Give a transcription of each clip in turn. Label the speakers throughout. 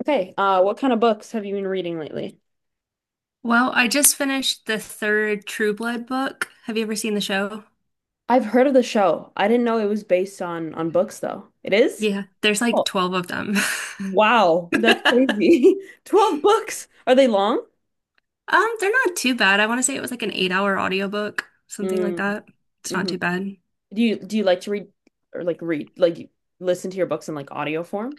Speaker 1: Okay, what kind of books have you been reading lately?
Speaker 2: Well, I just finished the third True Blood book. Have you ever seen the show?
Speaker 1: I've heard of the show. I didn't know it was based on books though. It is?
Speaker 2: Yeah, there's like
Speaker 1: Oh,
Speaker 2: 12 of them.
Speaker 1: wow, that's crazy. 12 books. Are they long?
Speaker 2: They're not too bad. I want to say it was like an 8 hour audiobook, something like
Speaker 1: Mm,
Speaker 2: that. It's not
Speaker 1: hmm.
Speaker 2: too bad.
Speaker 1: Do you like to read or like read like you listen to your books in like audio form?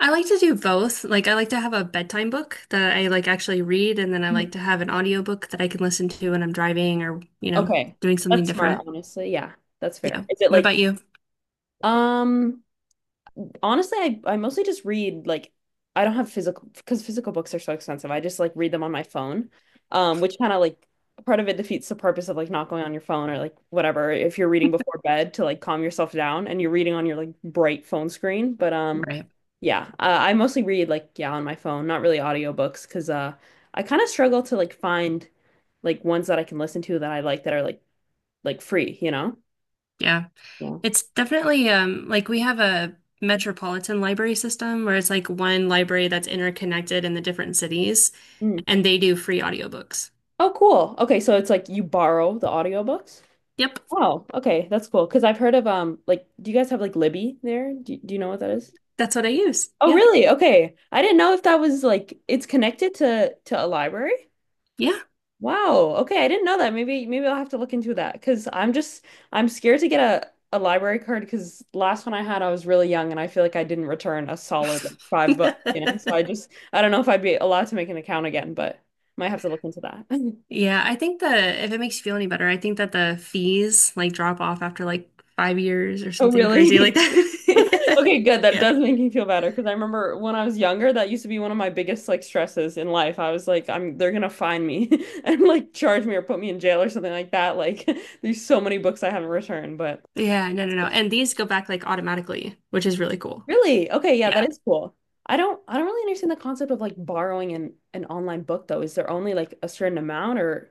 Speaker 2: I like to do both. Like I like to have a bedtime book that I like actually read, and then I
Speaker 1: Mhm.
Speaker 2: like to have an audiobook that I can listen to when I'm driving or,
Speaker 1: Okay.
Speaker 2: doing something
Speaker 1: That's smart,
Speaker 2: different.
Speaker 1: honestly. Yeah, that's fair.
Speaker 2: Yeah.
Speaker 1: Is it
Speaker 2: What
Speaker 1: like
Speaker 2: about you?
Speaker 1: um honestly, I mostly just read like I don't have physical because physical books are so expensive. I just like read them on my phone, which kind of like part of it defeats the purpose of like not going on your phone or like whatever if you're reading before bed to like calm yourself down and you're reading on your like bright phone screen. But
Speaker 2: Right.
Speaker 1: yeah, I mostly read like yeah on my phone, not really audiobooks because I kind of struggle to like find like ones that I can listen to that I like that are like free, you know?
Speaker 2: Yeah.
Speaker 1: Yeah.
Speaker 2: It's definitely like we have a metropolitan library system where it's like one library that's interconnected in the different cities,
Speaker 1: Mm.
Speaker 2: and they do free audiobooks.
Speaker 1: Oh, cool. Okay, so it's like you borrow the audiobooks.
Speaker 2: Yep,
Speaker 1: Oh, okay, that's cool. Because I've heard of like, do you guys have like Libby there? Do you know what that is?
Speaker 2: that's what I use.
Speaker 1: Oh,
Speaker 2: Yeah.
Speaker 1: really? Okay, I didn't know if that was like it's connected to a library.
Speaker 2: Yeah.
Speaker 1: Wow. Okay, I didn't know that. Maybe I'll have to look into that because I'm just I'm scared to get a library card because last one I had I was really young and I feel like I didn't return a solid like, $5, you know. So I just I don't know if I'd be allowed to make an account again, but might have to look into that.
Speaker 2: Yeah, I think the if it makes you feel any better, I think that the fees like drop off after like 5 years or
Speaker 1: Oh,
Speaker 2: something crazy like
Speaker 1: really?
Speaker 2: that.
Speaker 1: Okay, good. That
Speaker 2: Yeah.
Speaker 1: does make me feel better because I remember when I was younger, that used to be one of my biggest like stresses in life. I was like, I'm they're gonna find me and like charge me or put me in jail or something like that. Like there's so many books I haven't returned, but
Speaker 2: Yeah, no, no, no. And these go back like automatically, which is really cool.
Speaker 1: really, okay, yeah,
Speaker 2: Yeah.
Speaker 1: that is cool. I don't really understand the concept of like borrowing an online book though. Is there only like a certain amount or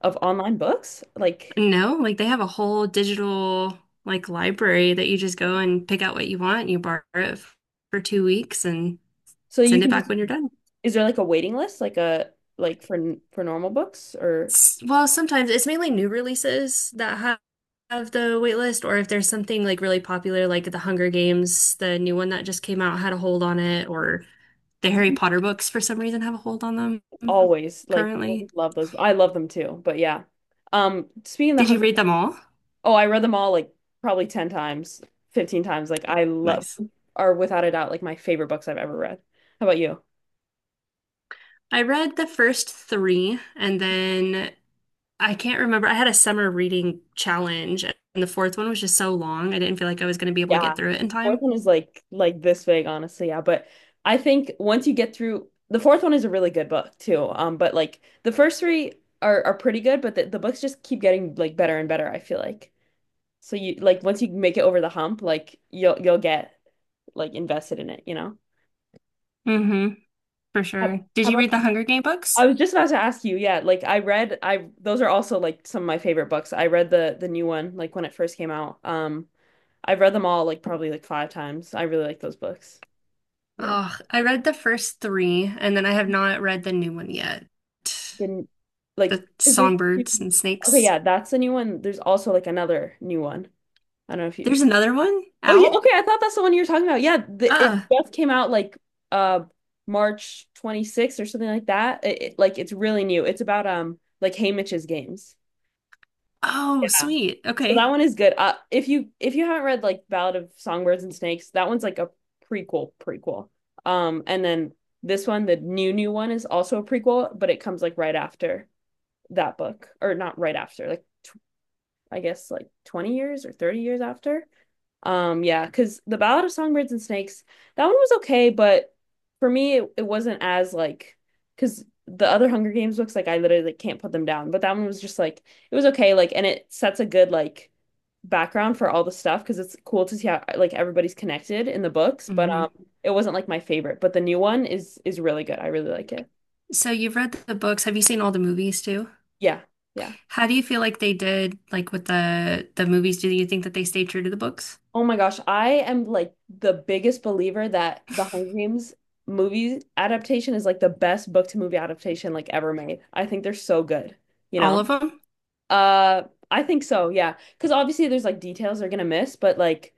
Speaker 1: of online books? Like
Speaker 2: No, like they have a whole digital like library that you just go and pick out what you want, you borrow it for 2 weeks and
Speaker 1: so you
Speaker 2: send it
Speaker 1: can
Speaker 2: back
Speaker 1: just
Speaker 2: when you're done.
Speaker 1: is there like a waiting list like a like for for normal books or
Speaker 2: Well, sometimes it's mainly new releases that have the wait list, or if there's something like really popular, like the Hunger Games, the new one that just came out had a hold on it, or the Harry Potter books for some reason have a hold on them
Speaker 1: always like
Speaker 2: currently.
Speaker 1: love those. I love them too, but yeah. Speaking of the
Speaker 2: Did you
Speaker 1: Hunger,
Speaker 2: read them all?
Speaker 1: oh, I read them all like probably 10 times, 15 times. Like I love
Speaker 2: Nice.
Speaker 1: are without a doubt like my favorite books I've ever read. How about you?
Speaker 2: I read the first three, and then I can't remember. I had a summer reading challenge, and the fourth one was just so long. I didn't feel like I was going to be able to get
Speaker 1: Yeah.
Speaker 2: through it in
Speaker 1: Fourth
Speaker 2: time.
Speaker 1: one is like this big, honestly. Yeah, but I think once you get through the fourth one is a really good book too. But like the first three are pretty good, but the books just keep getting like better and better, I feel like. So you like once you make it over the hump, like you'll get like invested in it, you know?
Speaker 2: Hmm, for sure. Did
Speaker 1: How
Speaker 2: you
Speaker 1: about
Speaker 2: read the Hunger Game
Speaker 1: I
Speaker 2: books?
Speaker 1: was just about to ask you, yeah, like I read I those are also like some of my favorite books. I read the new one like when it first came out. I've read them all like probably like five times. I really like those books. Yeah.
Speaker 2: Oh, I read the first three, and then I have not read the new one yet.
Speaker 1: Didn't like
Speaker 2: The
Speaker 1: because there's
Speaker 2: songbirds and
Speaker 1: okay,
Speaker 2: snakes.
Speaker 1: yeah, that's the new one. There's also like another new one. I don't know if you
Speaker 2: There's another one
Speaker 1: oh yeah,
Speaker 2: out?
Speaker 1: okay, I thought that's the one you were talking about. Yeah, the,
Speaker 2: Uh,
Speaker 1: it just came out like uh March 26th or something like that. Like it's really new. It's about like Haymitch's games.
Speaker 2: oh,
Speaker 1: Yeah.
Speaker 2: sweet.
Speaker 1: So that
Speaker 2: Okay.
Speaker 1: one is good. If you haven't read like Ballad of Songbirds and Snakes, that one's like a prequel. And then this one, the new one, is also a prequel, but it comes like right after that book, or not right after, like I guess like 20 years or 30 years after. Yeah, because The Ballad of Songbirds and Snakes, that one was okay, but for me, it wasn't as like, because the other Hunger Games books, like I literally like, can't put them down, but that one was just like it was okay, like, and it sets a good like background for all the stuff because it's cool to see how like everybody's connected in the books, but
Speaker 2: Hmm.
Speaker 1: it wasn't like my favorite, but the new one is really good. I really like it.
Speaker 2: So you've read the books. Have you seen all the movies too?
Speaker 1: Yeah, yeah.
Speaker 2: How do you feel like they did, like with the movies? Do you think that they stayed true to the books?
Speaker 1: Oh my gosh, I am like the biggest believer that the Hunger Games movie adaptation is like the best book to movie adaptation like ever made. I think they're so good, you
Speaker 2: All
Speaker 1: know?
Speaker 2: of them?
Speaker 1: Uh, I think so, yeah. Because obviously there's like details they're gonna miss, but like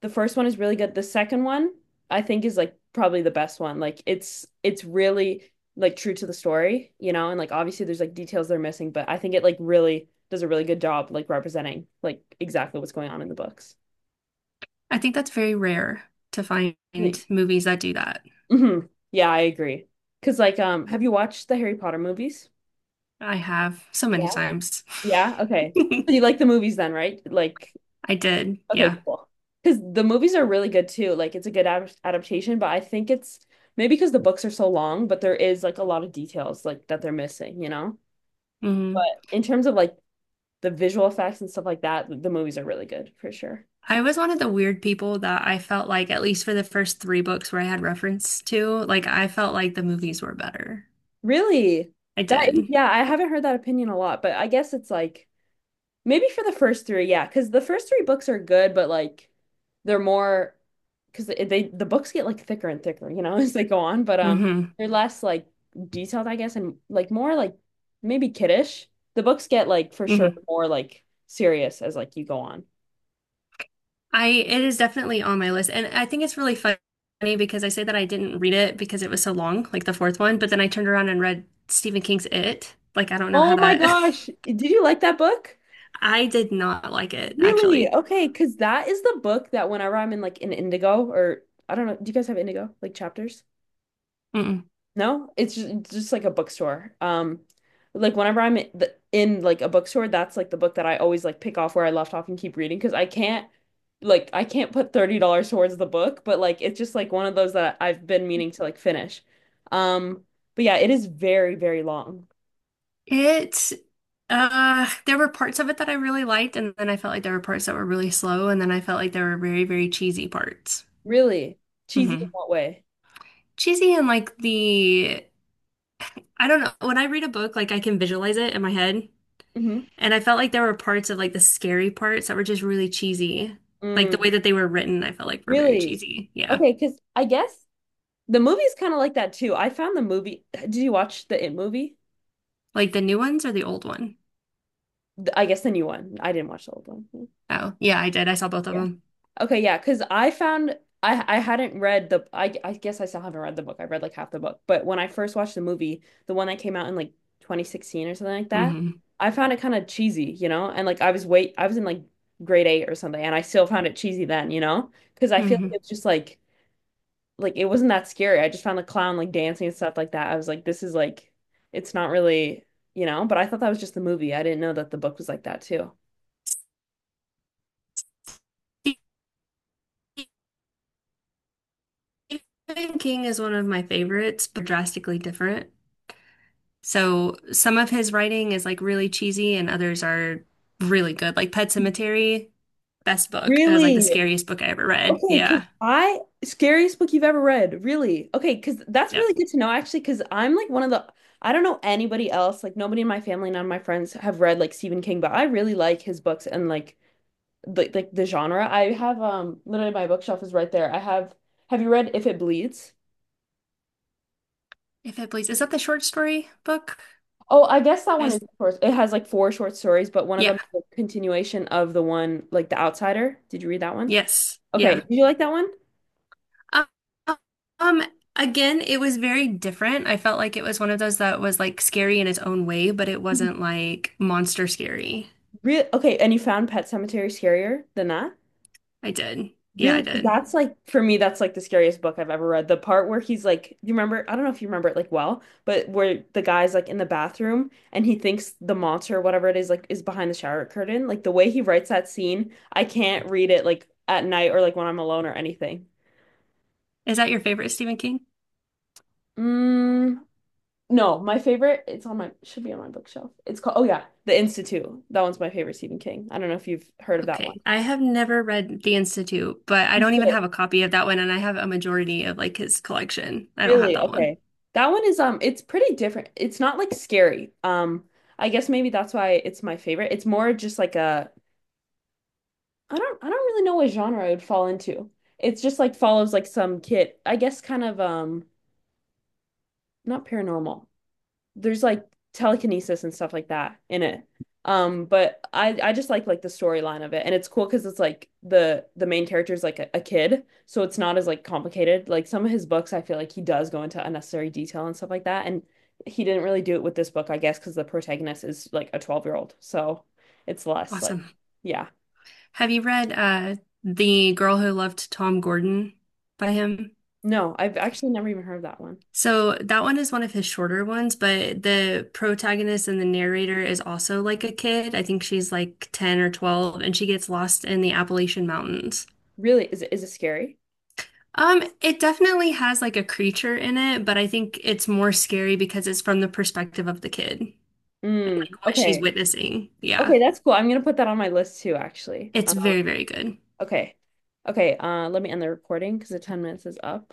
Speaker 1: the first one is really good. The second one I think is like probably the best one. Like it's really like true to the story, you know? And like obviously there's like details they're missing, but I think it like really does a really good job like representing like exactly what's going on in the books.
Speaker 2: I think that's very rare to find
Speaker 1: Like,
Speaker 2: movies that do that.
Speaker 1: hmm. Yeah, I agree. Because like have you watched the Harry Potter movies?
Speaker 2: I have so many
Speaker 1: Yeah.
Speaker 2: times.
Speaker 1: Yeah, okay.
Speaker 2: I
Speaker 1: So you like the movies then, right? Like
Speaker 2: did,
Speaker 1: okay,
Speaker 2: yeah.
Speaker 1: cool. Because the movies are really good too. Like it's a good ad adaptation, but I think it's maybe because the books are so long, but there is like a lot of details like that they're missing, you know?
Speaker 2: Hmm.
Speaker 1: But in terms of like the visual effects and stuff like that, the movies are really good for sure.
Speaker 2: I was one of the weird people that I felt like, at least for the first three books where I had reference to, like I felt like the movies were better.
Speaker 1: Really?
Speaker 2: I
Speaker 1: That is,
Speaker 2: did.
Speaker 1: yeah, I haven't heard that opinion a lot, but I guess it's like maybe for the first three, yeah, because the first three books are good, but like they're more because they the books get like thicker and thicker, you know, as they go on. But
Speaker 2: Hmm.
Speaker 1: they're less like detailed, I guess, and like more like maybe kiddish. The books get like for sure
Speaker 2: Hmm.
Speaker 1: more like serious as like you go on.
Speaker 2: I It is definitely on my list, and I think it's really funny because I say that I didn't read it because it was so long, like the fourth one, but then I turned around and read Stephen King's It. Like I don't know how
Speaker 1: Oh my
Speaker 2: that.
Speaker 1: gosh, did you like that book?
Speaker 2: I did not like it,
Speaker 1: Really?
Speaker 2: actually.
Speaker 1: Okay, because that is the book that whenever I'm in like an Indigo or I don't know, do you guys have Indigo like chapters?
Speaker 2: Mm-mm.
Speaker 1: No, it's just like a bookstore. Like whenever I'm in, in like a bookstore, that's like the book that I always like pick off where I left off and keep reading because I can't like I can't put $30 towards the book, but like it's just like one of those that I've been meaning to like finish. Um, but yeah, it is very, very long.
Speaker 2: It, there were parts of it that I really liked, and then I felt like there were parts that were really slow, and then I felt like there were very, very cheesy parts.
Speaker 1: Really? Cheesy in
Speaker 2: Hmm.
Speaker 1: what way?
Speaker 2: Cheesy and like I don't know, when I read a book, like I can visualize it in my head,
Speaker 1: Hmm.
Speaker 2: and I felt like there were parts of like the scary parts that were just really cheesy. Like
Speaker 1: Mm,
Speaker 2: the way that they were written, I felt like were very
Speaker 1: really?
Speaker 2: cheesy. Yeah.
Speaker 1: Okay, because I guess the movie's kind of like that too. I found the movie. Did you watch the It movie?
Speaker 2: Like the new ones or the old one?
Speaker 1: I guess the new one. I didn't watch the old one. Yeah.
Speaker 2: Oh, yeah, I did. I saw both of them.
Speaker 1: Okay, yeah, because I found I hadn't read the I guess I still haven't read the book. I read like half the book, but when I first watched the movie, the one that came out in like 2016 or something like that,
Speaker 2: Hmm.
Speaker 1: I found it kind of cheesy, you know? And like I was wait I was in like grade eight or something, and I still found it cheesy then, you know? Because I feel like
Speaker 2: Hmm.
Speaker 1: it's just like it wasn't that scary. I just found the clown like dancing and stuff like that. I was like, this is like it's not really, you know? But I thought that was just the movie. I didn't know that the book was like that too.
Speaker 2: Stephen King is one of my favorites, but drastically different. So some of his writing is like really cheesy and others are really good. Like Pet Cemetery, best book. It was like the
Speaker 1: Really?
Speaker 2: scariest book I ever read.
Speaker 1: Okay, because
Speaker 2: Yeah.
Speaker 1: I scariest book you've ever read, really. Okay, because that's
Speaker 2: Yep.
Speaker 1: really good to know actually, because I'm like one of the I don't know anybody else, like nobody in my family, none of my friends have read like Stephen King, but I really like his books and like the genre. I have literally my bookshelf is right there. I have you read If It Bleeds?
Speaker 2: If it please. Is that the short story book?
Speaker 1: Oh, I guess that one is
Speaker 2: Is
Speaker 1: short. It has like four short stories, but one of
Speaker 2: Yeah.
Speaker 1: them is a continuation of the one like The Outsider. Did you read that one?
Speaker 2: Yes.
Speaker 1: Okay,
Speaker 2: Yeah.
Speaker 1: did you like that one?
Speaker 2: Um, um, Again, it was very different. I felt like it was one of those that was like scary in its own way, but it wasn't like monster scary.
Speaker 1: Real okay, and you found Pet Cemetery scarier than that?
Speaker 2: I did. Yeah,
Speaker 1: Really,
Speaker 2: I
Speaker 1: 'cause
Speaker 2: did.
Speaker 1: that's like for me, that's like the scariest book I've ever read. The part where he's like, you remember, I don't know if you remember it like well, but where the guy's like in the bathroom and he thinks the monster, whatever it is, like is behind the shower curtain. Like the way he writes that scene, I can't read it like at night or like when I'm alone or anything.
Speaker 2: Is that your favorite Stephen King?
Speaker 1: Mm, no, my favorite, it's on my, should be on my bookshelf. It's called, oh yeah, The Institute. That one's my favorite Stephen King. I don't know if you've heard of that one.
Speaker 2: Okay, I have never read The Institute, but I
Speaker 1: You
Speaker 2: don't even
Speaker 1: should.
Speaker 2: have a copy of that one, and I have a majority of like his collection. I don't have
Speaker 1: Really?
Speaker 2: that one.
Speaker 1: Okay. That one is it's pretty different. It's not like scary. Um, I guess maybe that's why it's my favorite. It's more just like a I don't really know what genre it would fall into. It's just like follows like some kid. I guess kind of not paranormal. There's like telekinesis and stuff like that in it. But I just like the storyline of it, and it's cool because it's like the main character is like a kid, so it's not as like complicated. Like some of his books, I feel like he does go into unnecessary detail and stuff like that, and he didn't really do it with this book, I guess, because the protagonist is like a 12-year-old, so it's less like
Speaker 2: Awesome.
Speaker 1: yeah.
Speaker 2: Have you read The Girl Who Loved Tom Gordon by him?
Speaker 1: No, I've actually never even heard of that one.
Speaker 2: So that one is one of his shorter ones, but the protagonist and the narrator is also like a kid. I think she's like 10 or 12, and she gets lost in the Appalachian Mountains.
Speaker 1: Really, is it scary?
Speaker 2: It definitely has like a creature in it, but I think it's more scary because it's from the perspective of the kid and
Speaker 1: Mm,
Speaker 2: like what she's
Speaker 1: okay.
Speaker 2: witnessing. Yeah.
Speaker 1: Okay, that's cool. I'm gonna put that on my list too, actually.
Speaker 2: It's very, very good.
Speaker 1: Okay. Okay, let me end the recording because the 10 minutes is up.